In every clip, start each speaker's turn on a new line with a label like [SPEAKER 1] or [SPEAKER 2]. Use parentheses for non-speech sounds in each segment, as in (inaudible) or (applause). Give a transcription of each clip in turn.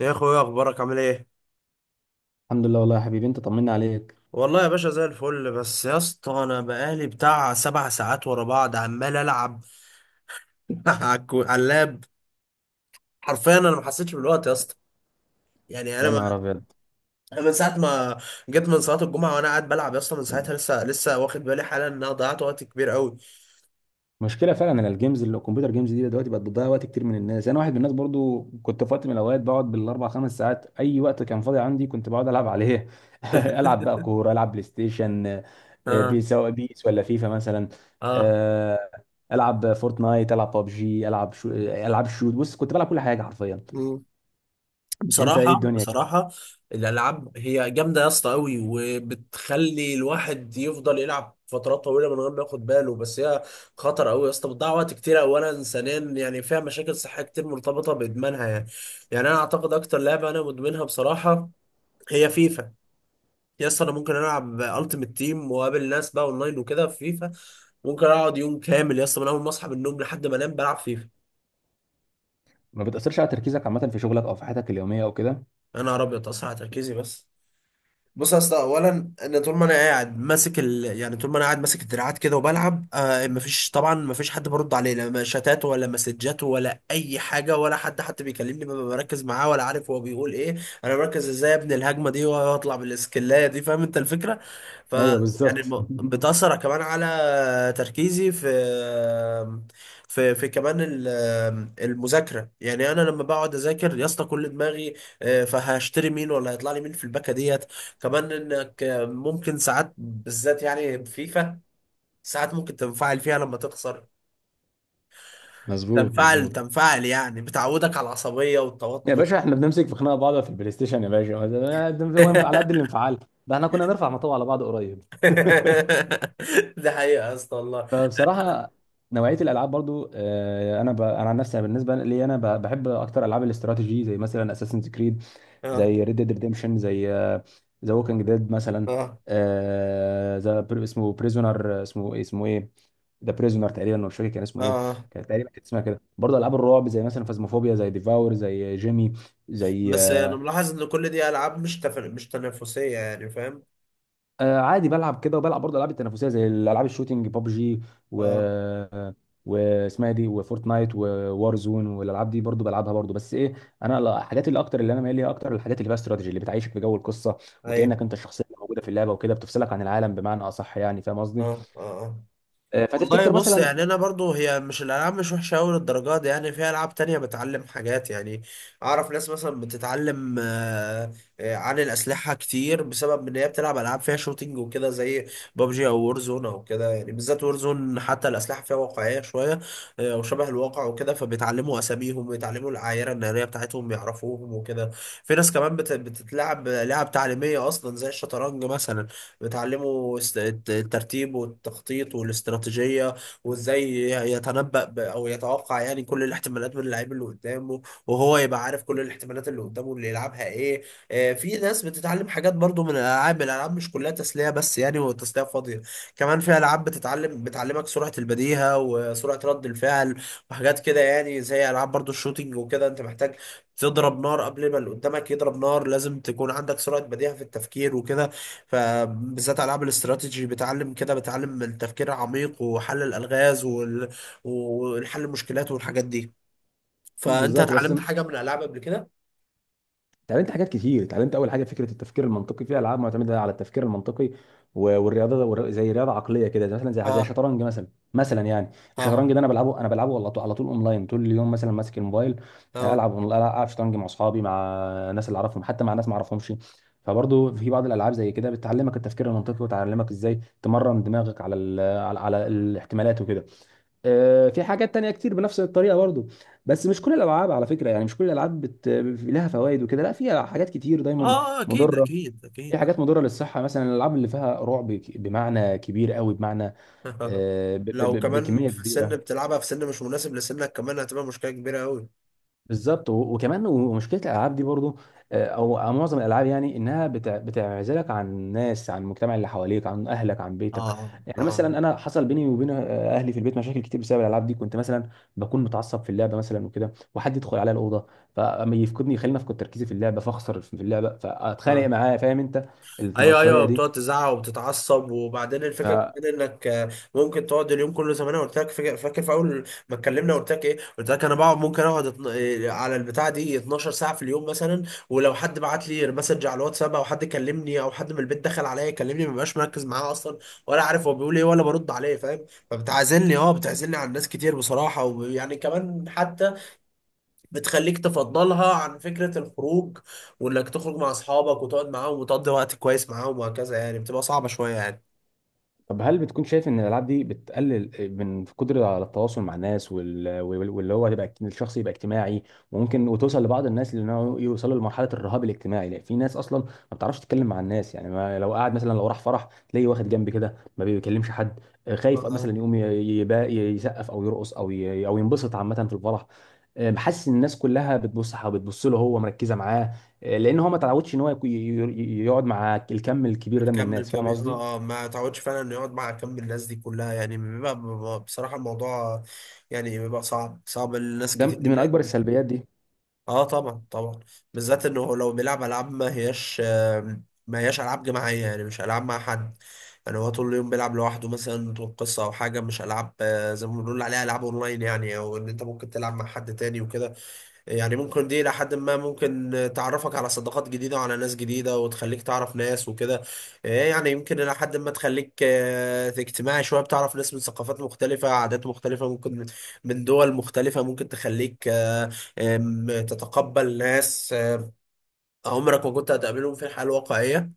[SPEAKER 1] يا اخويا، اخبارك عامل ايه؟
[SPEAKER 2] الحمد لله والله يا حبيبي، انت طمنا عليك.
[SPEAKER 1] والله يا باشا زي الفل. بس يا اسطى انا بقالي بتاع سبع ساعات ورا بعض عمال العب (laughs) على اللاب. حرفيا انا ما حسيتش بالوقت يا اسطى. يعني انا
[SPEAKER 2] يا
[SPEAKER 1] ما...
[SPEAKER 2] نهار ابيض!
[SPEAKER 1] أنا من ساعه ما جيت من صلاه الجمعه وانا قاعد بلعب يا اسطى، من ساعتها لسه لسه واخد بالي حالا ان انا ضيعت وقت كبير قوي.
[SPEAKER 2] مشكله فعلا ان الجيمز الكمبيوتر جيمز دي دلوقتي بقت بتضيع وقت كتير من الناس. انا واحد من الناس برضو، كنت في وقت من الاوقات بقعد بالاربع خمس ساعات، اي وقت كان فاضي عندي كنت بقعد العب عليه. (laughs) العب بقى كوره، العب بلاي ستيشن،
[SPEAKER 1] اه،
[SPEAKER 2] بي سواء بيس ولا فيفا مثلا.
[SPEAKER 1] اه.
[SPEAKER 2] آه، العب فورتنايت، العب ببجي، العب شو، العب شوت. بص، كنت بلعب كل حاجه حرفيا.
[SPEAKER 1] مم.
[SPEAKER 2] انت ايه
[SPEAKER 1] بصراحة،
[SPEAKER 2] الدنيا كده؟
[SPEAKER 1] بصراحة الألعاب هي جامدة يا اسطى أوي، وبتخلي الواحد يفضل يلعب فترات طويلة من غير ما ياخد باله، بس هي خطر أوي يا اسطى، بتضيع وقت كتير أولا، ثانيا يعني فيها مشاكل صحية كتير مرتبطة بإدمانها. يعني يعني أنا أعتقد أكتر لعبة أنا مدمنها بصراحة هي فيفا. يا اسطى أنا ممكن ألعب ألتيمت تيم وأقابل ناس بقى أونلاين وكده في فيفا، ممكن أقعد يوم كامل يا اسطى من أول ما أصحى من النوم لحد ما أنام بلعب فيفا.
[SPEAKER 2] ما بتاثرش على تركيزك عامه في شغلك او في حياتك اليوميه او كده؟
[SPEAKER 1] أنا أبيض أصحى على تركيزي بس. بص يا اسطى، اولا ان طول ما انا قاعد ماسك يعني طول ما انا قاعد ماسك الدراعات كده وبلعب، آه، مفيش طبعا، مفيش حد برد عليه، لا شتات ولا مسجات ولا اي حاجه، ولا حد حتى بيكلمني ببقى مركز معاه ولا عارف هو بيقول ايه. انا مركز ازاي ابني الهجمه دي واطلع بالاسكلايه دي، فاهم انت الفكره. ف
[SPEAKER 2] ايوه
[SPEAKER 1] يعني
[SPEAKER 2] بالظبط.
[SPEAKER 1] بتاثر كمان على تركيزي في في كمان المذاكره. يعني انا لما بقعد اذاكر يا اسطى كل دماغي فهشتري مين ولا هيطلع لي مين في الباكه ديت. كمان انك ممكن ساعات، بالذات يعني فيفا، ساعات ممكن تنفعل فيها لما تخسر.
[SPEAKER 2] (laughs) مظبوط
[SPEAKER 1] تنفعل
[SPEAKER 2] مظبوط.
[SPEAKER 1] تنفعل، يعني بتعودك على العصبية
[SPEAKER 2] يا
[SPEAKER 1] والتوتر.
[SPEAKER 2] باشا احنا بنمسك في خناقه بعض في البلاي ستيشن يا باشا، ده هو على
[SPEAKER 1] (laughs)
[SPEAKER 2] قد الانفعال. ده احنا كنا نرفع مطوع على بعض قريب. (laughs)
[SPEAKER 1] ده حقيقة يا اسطى والله.
[SPEAKER 2] فبصراحه نوعيه الالعاب برضو، انا انا عن نفسي، أنا بالنسبه لي انا بحب اكتر العاب الاستراتيجي، زي مثلا اساسنز كريد،
[SPEAKER 1] اه،
[SPEAKER 2] زي ريد ديد ريديمشن، زي ذا ووكينج ديد مثلا.
[SPEAKER 1] اه،
[SPEAKER 2] ذا اسمه بريزونر، اسمه ايه، اسمه ايه، ذا بريزونر تقريبا، مش فاكر كان
[SPEAKER 1] اه،
[SPEAKER 2] اسمه ايه.
[SPEAKER 1] آه.
[SPEAKER 2] كان تقريبا كان اسمها كده. برضه العاب الرعب زي مثلا فازموفوبيا، زي ديفاور، زي جيمي، زي
[SPEAKER 1] بس انا ملاحظ ان كل دي العاب مش تنافسية، يعني فاهم.
[SPEAKER 2] عادي بلعب كده. وبلعب برضه العاب التنافسيه زي الالعاب الشوتينج، ببجي و
[SPEAKER 1] اه،
[SPEAKER 2] واسمها دي وفورتنايت ووار زون. والالعاب دي برضه بلعبها برضه، بس ايه، انا الحاجات اللي اكتر اللي انا مايل ليها اكتر الحاجات اللي فيها استراتيجي، اللي بتعيشك في جو القصه،
[SPEAKER 1] ايوه،
[SPEAKER 2] وكانك انت الشخصيه اللي موجوده في اللعبه وكده، بتفصلك عن العالم بمعنى اصح، يعني فاهم قصدي؟
[SPEAKER 1] اه، اه، آه. والله
[SPEAKER 2] فتفتكر
[SPEAKER 1] بص،
[SPEAKER 2] مثلا؟
[SPEAKER 1] يعني انا برضو هي مش الالعاب مش وحشه قوي للدرجه دي، يعني في العاب تانية بتعلم حاجات. يعني اعرف ناس مثلا بتتعلم عن الاسلحه كتير بسبب ان هي بتلعب العاب فيها شوتينج وكده، زي بابجي او وورزون او كده، يعني بالذات وورزون حتى الاسلحه فيها واقعيه شويه، وشبه الواقع وكده، فبيتعلموا اساميهم ويتعلموا العايره الناريه بتاعتهم يعرفوهم وكده. في ناس كمان بتتلعب لعب تعليميه اصلا زي الشطرنج مثلا، بتعلمه الترتيب والتخطيط والاستراتيجية، وازاي يتنبأ او يتوقع، يعني كل الاحتمالات من اللعيب اللي قدامه، وهو يبقى عارف كل الاحتمالات اللي قدامه اللي يلعبها ايه. في ناس بتتعلم حاجات برضو من الالعاب. الالعاب مش كلها تسلية بس يعني وتسلية فاضية، كمان في العاب بتعلمك سرعة البديهة وسرعة رد الفعل وحاجات كده، يعني زي العاب برضو الشوتينج وكده انت محتاج تضرب نار قبل ما اللي قدامك يضرب نار، لازم تكون عندك سرعة بديهة في التفكير وكده. فبالذات العاب الاستراتيجي بتعلم كده، بتعلم التفكير العميق وحل الالغاز والحل المشكلات والحاجات دي. فانت
[SPEAKER 2] بالظبط بس.
[SPEAKER 1] اتعلمت حاجه من الالعاب قبل كده؟
[SPEAKER 2] اتعلمت حاجات كتير، اتعلمت اول حاجه فكره التفكير المنطقي، في العاب معتمده على التفكير المنطقي والرياضه زي رياضه عقليه كده، زي مثلا زي زي
[SPEAKER 1] اه،
[SPEAKER 2] الشطرنج مثلا. مثلا يعني
[SPEAKER 1] اه،
[SPEAKER 2] الشطرنج ده انا بلعبه، انا بلعبه على طول على طول اونلاين، طول اليوم مثلا ماسك الموبايل،
[SPEAKER 1] اه،
[SPEAKER 2] العب العب شطرنج مع اصحابي، مع ناس اللي اعرفهم، حتى مع ناس ما اعرفهمش. فبرضه في بعض الالعاب زي كده بتعلمك التفكير المنطقي وتعلمك ازاي تمرن دماغك على على على الاحتمالات وكده. في حاجات تانية كتير بنفس الطريقة برضو. بس مش كل الألعاب على فكرة، يعني مش كل الألعاب لها فوائد وكده. لا، في حاجات كتير دايما
[SPEAKER 1] اه، اكيد
[SPEAKER 2] مضرة.
[SPEAKER 1] اكيد
[SPEAKER 2] في
[SPEAKER 1] اكيد.
[SPEAKER 2] حاجات مضرة للصحة مثلا، الألعاب اللي فيها رعب بمعنى كبير قوي، بمعنى
[SPEAKER 1] آه. (laughs) لو كمان
[SPEAKER 2] بكمية
[SPEAKER 1] في سن
[SPEAKER 2] كبيرة.
[SPEAKER 1] بتلعبها في سن مش مناسب لسنك كمان، هتبقى مشكله كبيره قوي.
[SPEAKER 2] بالظبط. وكمان ومشكله الالعاب دي برضو، او أو معظم الالعاب، يعني انها بتعزلك عن الناس، عن المجتمع اللي حواليك، عن اهلك، عن بيتك. يعني
[SPEAKER 1] اه،
[SPEAKER 2] مثلا انا حصل بيني وبين اهلي في البيت مشاكل كتير بسبب الالعاب دي. كنت مثلا بكون متعصب في اللعبه مثلا وكده، وحد يدخل عليا الاوضه فما يفقدني، يخليني افقد تركيزي في اللعبه، فاخسر في اللعبه، فاتخانق
[SPEAKER 1] اه،
[SPEAKER 2] معاه، فاهم انت
[SPEAKER 1] ايوه،
[SPEAKER 2] الطريقه
[SPEAKER 1] ايوه.
[SPEAKER 2] دي؟
[SPEAKER 1] بتقعد تزعق وبتتعصب، وبعدين الفكره كمان انك ممكن تقعد اليوم كله، زي ما انا قلت لك، فاكر فاكر في اول ما اتكلمنا قلت لك ايه؟ قلت لك انا بقعد، ممكن اقعد اتن- إيه، على البتاع دي 12 ساعه في اليوم مثلا. ولو حد بعت لي مسج على الواتساب او حد كلمني او حد من البيت دخل عليا يكلمني، ما ببقاش مركز معاه اصلا، ولا عارف هو بيقول ايه ولا برد عليه، فاهم. فبتعزلني اه بتعزلني عن ناس كتير بصراحه، ويعني كمان حتى بتخليك تفضلها عن فكرة الخروج وانك تخرج مع اصحابك وتقعد معاهم وتقضي وقت كويس معاهم وهكذا، يعني بتبقى صعبة شوية يعني.
[SPEAKER 2] طب هل بتكون شايف ان الالعاب دي بتقلل من قدرة على التواصل مع الناس، واللي هو تبقى الشخص يبقى اجتماعي؟ وممكن وتوصل لبعض الناس لانه يوصلوا لمرحلة الرهاب الاجتماعي، لأن في ناس اصلا ما بتعرفش تتكلم مع الناس. يعني ما لو قاعد مثلا، لو راح فرح تلاقيه واخد جنب كده ما بيكلمش حد، خايف
[SPEAKER 1] اه.
[SPEAKER 2] مثلا يقوم يسقف او يرقص او ينبسط عامة في الفرح، حاسس ان الناس كلها بتبص بتبص له، هو مركزة معاه، لان هو ما تعودش ان هو يقعد مع الكم الكبير ده من
[SPEAKER 1] الكم
[SPEAKER 2] الناس، فاهم
[SPEAKER 1] الكبير،
[SPEAKER 2] قصدي؟
[SPEAKER 1] اه، ما تعودش فعلا انه يقعد مع كم الناس دي كلها، يعني بصراحة الموضوع يعني بيبقى صعب صعب لناس
[SPEAKER 2] ده
[SPEAKER 1] كتير،
[SPEAKER 2] دي من اكبر السلبيات دي.
[SPEAKER 1] اه، طبعا طبعا. بالذات انه لو بيلعب العاب ما هياش، ما هياش العاب جماعية، يعني مش العاب مع حد، يعني هو طول اليوم بيلعب لوحده مثلا طول قصة أو حاجة، مش ألعاب زي ما بنقول عليها ألعاب أونلاين يعني، أو إن أنت ممكن تلعب مع حد تاني وكده. يعني ممكن دي إلى حد ما ممكن تعرفك على صداقات جديدة وعلى ناس جديدة، وتخليك تعرف ناس وكده. يعني يمكن إلى حد ما تخليك اجتماعي شوية، بتعرف ناس من ثقافات مختلفة، عادات مختلفة، ممكن من دول مختلفة، ممكن تخليك آه، آم، تتقبل ناس عمرك ما كنت هتقابلهم في الحياة الواقعية.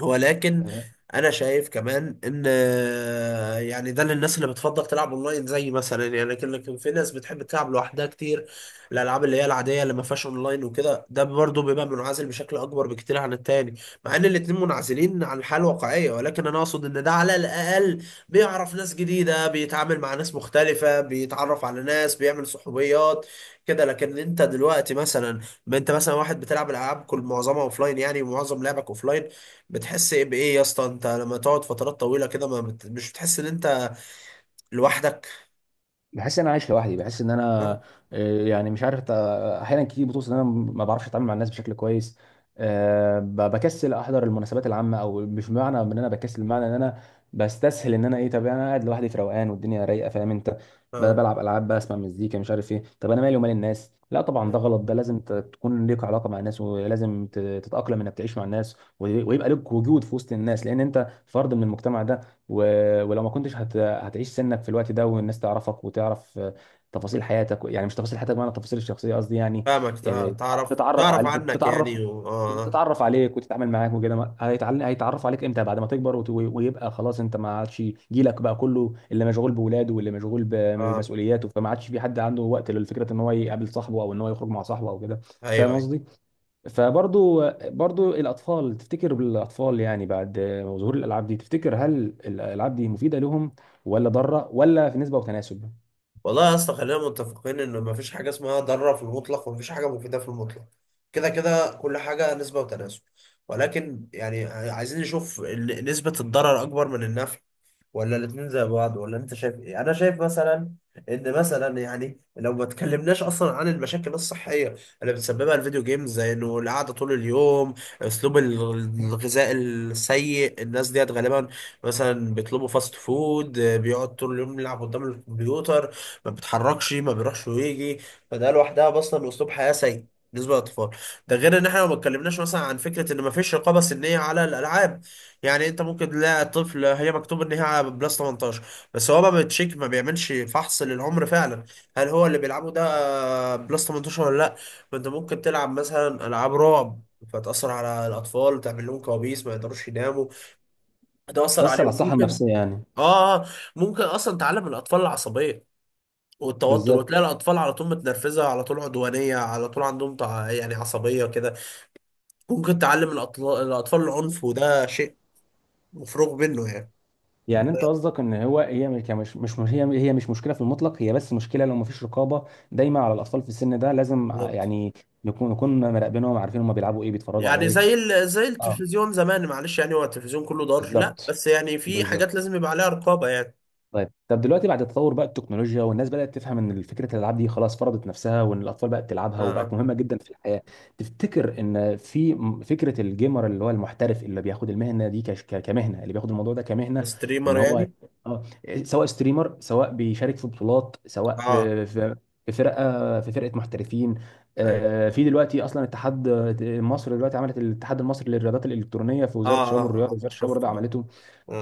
[SPEAKER 1] ولكن
[SPEAKER 2] آه.
[SPEAKER 1] انا شايف كمان ان، يعني ده للناس اللي بتفضل تلعب اونلاين زي مثلا، يعني لكن في ناس بتحب تلعب لوحدها كتير، الالعاب اللي هي العاديه اللي ما فيهاش اونلاين وكده، ده برضه بيبقى منعزل بشكل اكبر بكتير عن التاني. مع ان الاتنين منعزلين عن الحياه الواقعيه، ولكن انا اقصد ان ده على الاقل بيعرف ناس جديده، بيتعامل مع ناس مختلفه، بيتعرف على ناس، بيعمل صحوبيات كده. لكن انت دلوقتي مثلا، ما انت مثلا واحد بتلعب العاب كل معظمها اوفلاين يعني، ومعظم لعبك اوفلاين، بتحس ايه بايه يا اسطى انت لما تقعد فترات طويله كده، ما بت... مش بتحس ان انت لوحدك؟
[SPEAKER 2] بحس ان انا عايش لوحدي، بحس ان انا
[SPEAKER 1] اه،
[SPEAKER 2] يعني مش عارف احيانا كتير بتوصل ان انا ما بعرفش اتعامل مع الناس بشكل كويس. بكسل احضر المناسبات العامه، او مش معنى ان انا بكسل، معنى ان انا بستسهل ان انا ايه، طب انا قاعد لوحدي في روقان والدنيا رايقه، فاهم انت،
[SPEAKER 1] اه،
[SPEAKER 2] بلعب العاب بقى، اسمع مزيكا، مش عارف ايه، طب انا مالي ومال الناس. لا طبعا ده
[SPEAKER 1] آه.
[SPEAKER 2] غلط، ده لازم تكون ليك علاقه مع الناس، ولازم تتاقلم انك تعيش مع الناس، ويبقى لك وجود في وسط الناس، لان انت فرد من المجتمع ده. و... ولو ما كنتش هتعيش سنك في الوقت ده، والناس تعرفك وتعرف تفاصيل حياتك، يعني مش تفاصيل حياتك بمعنى التفاصيل الشخصيه قصدي يعني،
[SPEAKER 1] فاهمك، تع-
[SPEAKER 2] يعني
[SPEAKER 1] تعرف
[SPEAKER 2] تتعرف
[SPEAKER 1] تعرف
[SPEAKER 2] على
[SPEAKER 1] عنك
[SPEAKER 2] تتعرف
[SPEAKER 1] يعني اه.
[SPEAKER 2] تتعرف عليك وتتعامل معاك وكده. هيتعرفوا عليك امتى؟ بعد ما تكبر ويبقى خلاص انت ما عادش، جيلك بقى كله اللي مشغول بولاده واللي مشغول
[SPEAKER 1] اه، آه.
[SPEAKER 2] بمسؤولياته، فما عادش في حد عنده وقت لفكره ان هو يقابل صاحبه او ان هو يخرج مع صاحبه او كده، فاهم
[SPEAKER 1] ايوه، ايوه.
[SPEAKER 2] قصدي؟ فبرضو برضو الاطفال، تفتكر بالاطفال يعني بعد ظهور الالعاب دي، تفتكر هل الالعاب دي مفيده لهم ولا ضاره ولا في نسبه وتناسب؟
[SPEAKER 1] والله يا اسطى، خلينا متفقين ان ما فيش حاجه اسمها ضاره في المطلق، وما فيش حاجه مفيده في المطلق، كده كده كل حاجه نسبه وتناسب. ولكن يعني عايزين نشوف نسبه الضرر اكبر من النفع، ولا الاتنين زي بعض، ولا انت شايف ايه؟ انا شايف مثلا ان مثلا يعني، لو ما اتكلمناش اصلا عن المشاكل الصحيه اللي بتسببها الفيديو جيمز، زي انه القعده طول اليوم، اسلوب الغذاء السيء، الناس ديت غالبا مثلا بيطلبوا فاست فود، بيقعد طول اليوم يلعب قدام الكمبيوتر، ما بيتحركش، ما بيروحش ويجي، فده لوحدها اصلا اسلوب حياه سيء بالنسبه للاطفال. ده غير ان احنا ما اتكلمناش مثلا عن فكره ان ما فيش رقابه سنيه على الالعاب، يعني انت ممكن تلاقي طفل هي مكتوب ان هي بلس 18، بس هو ما بتشيك، ما بيعملش فحص للعمر فعلا هل هو اللي بيلعبه ده بلس 18 ولا لا. ما انت ممكن تلعب مثلا العاب رعب فتأثر على الأطفال، تعمل لهم كوابيس ما يقدروش يناموا، هتأثر
[SPEAKER 2] تاثر على
[SPEAKER 1] عليهم،
[SPEAKER 2] الصحه
[SPEAKER 1] ممكن
[SPEAKER 2] النفسيه يعني.
[SPEAKER 1] اه آه، ممكن أصلا تعلم الأطفال العصبية والتوتر،
[SPEAKER 2] بالظبط.
[SPEAKER 1] وتلاقي الأطفال على طول متنرفزة، على طول عدوانية، على طول عندهم يعني عصبية كده. ممكن تعلم الأطفال العنف، وده شيء مفروغ منه يعني.
[SPEAKER 2] يعني انت قصدك ان هو هي هي هي مش مشكله في المطلق، هي بس مشكله لو مفيش رقابه دايما على الاطفال في السن ده، لازم
[SPEAKER 1] بالظبط.
[SPEAKER 2] يعني نكون نكون مراقبينهم، عارفين هم بيلعبوا ايه، بيتفرجوا على
[SPEAKER 1] يعني
[SPEAKER 2] ايه.
[SPEAKER 1] زي زي
[SPEAKER 2] اه
[SPEAKER 1] التلفزيون زمان معلش، يعني هو التلفزيون كله ضار؟ لا،
[SPEAKER 2] بالظبط.
[SPEAKER 1] بس يعني في حاجات
[SPEAKER 2] بالظبط.
[SPEAKER 1] لازم يبقى عليها رقابة يعني.
[SPEAKER 2] طيب طب دلوقتي بعد تطور بقى التكنولوجيا والناس بدأت تفهم ان فكرة الالعاب دي خلاص فرضت نفسها، وان الاطفال بقت تلعبها
[SPEAKER 1] اه،
[SPEAKER 2] وبقت
[SPEAKER 1] اه.
[SPEAKER 2] مهمة جدا في الحياة، تفتكر ان في فكرة الجيمر اللي هو المحترف اللي بياخد المهنة دي كمهنة، اللي بياخد الموضوع ده كمهنة،
[SPEAKER 1] الستريمر
[SPEAKER 2] ان هو،
[SPEAKER 1] يعني.
[SPEAKER 2] اه، سواء ستريمر سواء بيشارك في بطولات سواء
[SPEAKER 1] اه،
[SPEAKER 2] في فرقة، في فرقة محترفين.
[SPEAKER 1] ايوه،
[SPEAKER 2] في دلوقتي اصلا اتحاد. مصر دلوقتي عملت الاتحاد المصري للرياضات الالكترونيه، في
[SPEAKER 1] اه،
[SPEAKER 2] وزاره الشباب
[SPEAKER 1] اه،
[SPEAKER 2] والرياضه،
[SPEAKER 1] اه، آه،
[SPEAKER 2] وزاره الشباب
[SPEAKER 1] شفته،
[SPEAKER 2] والرياضه
[SPEAKER 1] اه،
[SPEAKER 2] عملته.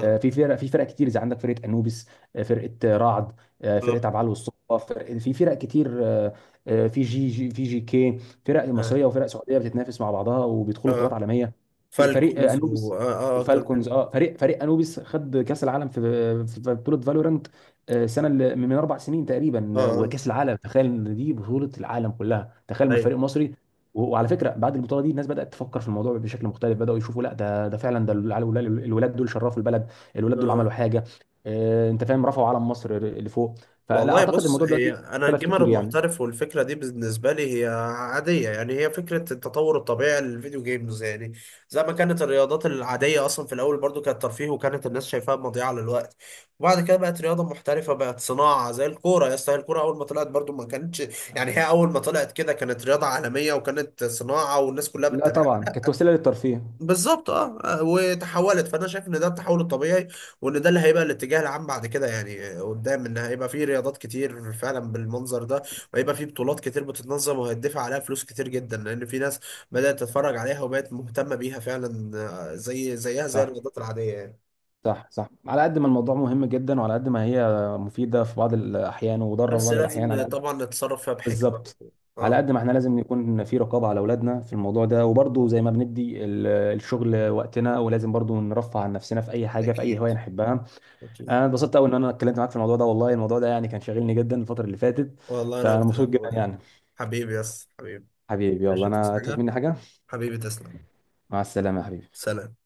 [SPEAKER 2] في فرق، كتير، زي عندك فرقه انوبيس، فرقه رعد،
[SPEAKER 1] اه،
[SPEAKER 2] فرقه عبعال والصقا، في فرق كتير، في جي جي في جي كي. فرق
[SPEAKER 1] اه،
[SPEAKER 2] مصريه وفرق سعوديه بتتنافس مع بعضها وبيدخلوا بطولات
[SPEAKER 1] آه.
[SPEAKER 2] عالميه. في فريق
[SPEAKER 1] فالكونز، و،
[SPEAKER 2] انوبيس
[SPEAKER 1] اه، اه،
[SPEAKER 2] وفالكونز، اه فريق انوبيس خد كاس العالم في في بطوله فالورانت، السنه اللي من 4 سنين
[SPEAKER 1] اه،
[SPEAKER 2] تقريبا،
[SPEAKER 1] اه،
[SPEAKER 2] وكاس العالم، تخيل ان دي بطوله العالم كلها، تخيل ما
[SPEAKER 1] ايوه،
[SPEAKER 2] فريق مصري. وعلى فكره بعد البطوله دي الناس بدات تفكر في الموضوع بشكل مختلف، بداوا يشوفوا لا، ده ده فعلا، ده الولاد، الولاد دول شرفوا البلد، الولاد دول عملوا
[SPEAKER 1] آه.
[SPEAKER 2] حاجه، انت فاهم، رفعوا علم مصر لفوق. فلا
[SPEAKER 1] والله
[SPEAKER 2] اعتقد
[SPEAKER 1] بص،
[SPEAKER 2] الموضوع دلوقتي
[SPEAKER 1] انا
[SPEAKER 2] اختلف
[SPEAKER 1] الجيمر
[SPEAKER 2] كتير يعني.
[SPEAKER 1] المحترف والفكره دي بالنسبه لي هي عاديه، يعني هي فكره التطور الطبيعي للفيديو جيمز يعني، زي ما كانت الرياضات العاديه اصلا في الاول برضو كانت ترفيه وكانت الناس شايفاها مضيعه للوقت، وبعد كده بقت رياضه محترفه، بقت صناعه زي الكوره يا اسطى. الكوره اول ما طلعت برضو ما كانتش يعني، هي اول ما طلعت كده كانت رياضه عالميه وكانت صناعه، والناس كلها
[SPEAKER 2] لا طبعا كانت وسيله للترفيه.
[SPEAKER 1] بالظبط. وتحولت، فانا شايف ان ده التحول الطبيعي، وان ده اللي هيبقى الاتجاه العام بعد كده يعني، قدام، ان هيبقى فيه رياضات كتير فعلا بالمنظر ده، وهيبقى فيه بطولات كتير بتتنظم، وهيدفع عليها فلوس كتير جدا، لان في ناس بدأت تتفرج عليها وبقت مهتمة بيها فعلا، زيها زي
[SPEAKER 2] صح
[SPEAKER 1] الرياضات العادية يعني.
[SPEAKER 2] صح صح. على قد ما الموضوع مهم جدا، وعلى قد ما هي مفيده في بعض الاحيان وضاره في
[SPEAKER 1] بس
[SPEAKER 2] بعض الاحيان،
[SPEAKER 1] لازم
[SPEAKER 2] على قد...
[SPEAKER 1] طبعا نتصرف فيها
[SPEAKER 2] (laughs)
[SPEAKER 1] بحكمة.
[SPEAKER 2] بالظبط. على
[SPEAKER 1] اه،
[SPEAKER 2] قد ما احنا لازم يكون في رقابه على اولادنا في الموضوع ده، وبرضه زي ما بندي الشغل وقتنا ولازم برضه نرفه عن نفسنا في اي حاجه، في اي
[SPEAKER 1] اكيد،
[SPEAKER 2] هوايه نحبها.
[SPEAKER 1] اكيد.
[SPEAKER 2] انا اتبسطت قوي ان انا اتكلمت معاك في الموضوع ده، والله الموضوع ده يعني كان شاغلني جدا الفتره اللي فاتت،
[SPEAKER 1] والله انا
[SPEAKER 2] فانا
[SPEAKER 1] اكتر يا
[SPEAKER 2] مبسوط جدا
[SPEAKER 1] اخويا.
[SPEAKER 2] يعني.
[SPEAKER 1] حبيبي، يس حبيبي.
[SPEAKER 2] حبيبي يلا،
[SPEAKER 1] عشان تصحى
[SPEAKER 2] انا تفوت
[SPEAKER 1] حاجة.
[SPEAKER 2] مني حاجه.
[SPEAKER 1] حبيبي تسلم.
[SPEAKER 2] مع السلامه يا حبيبي.
[SPEAKER 1] سلام.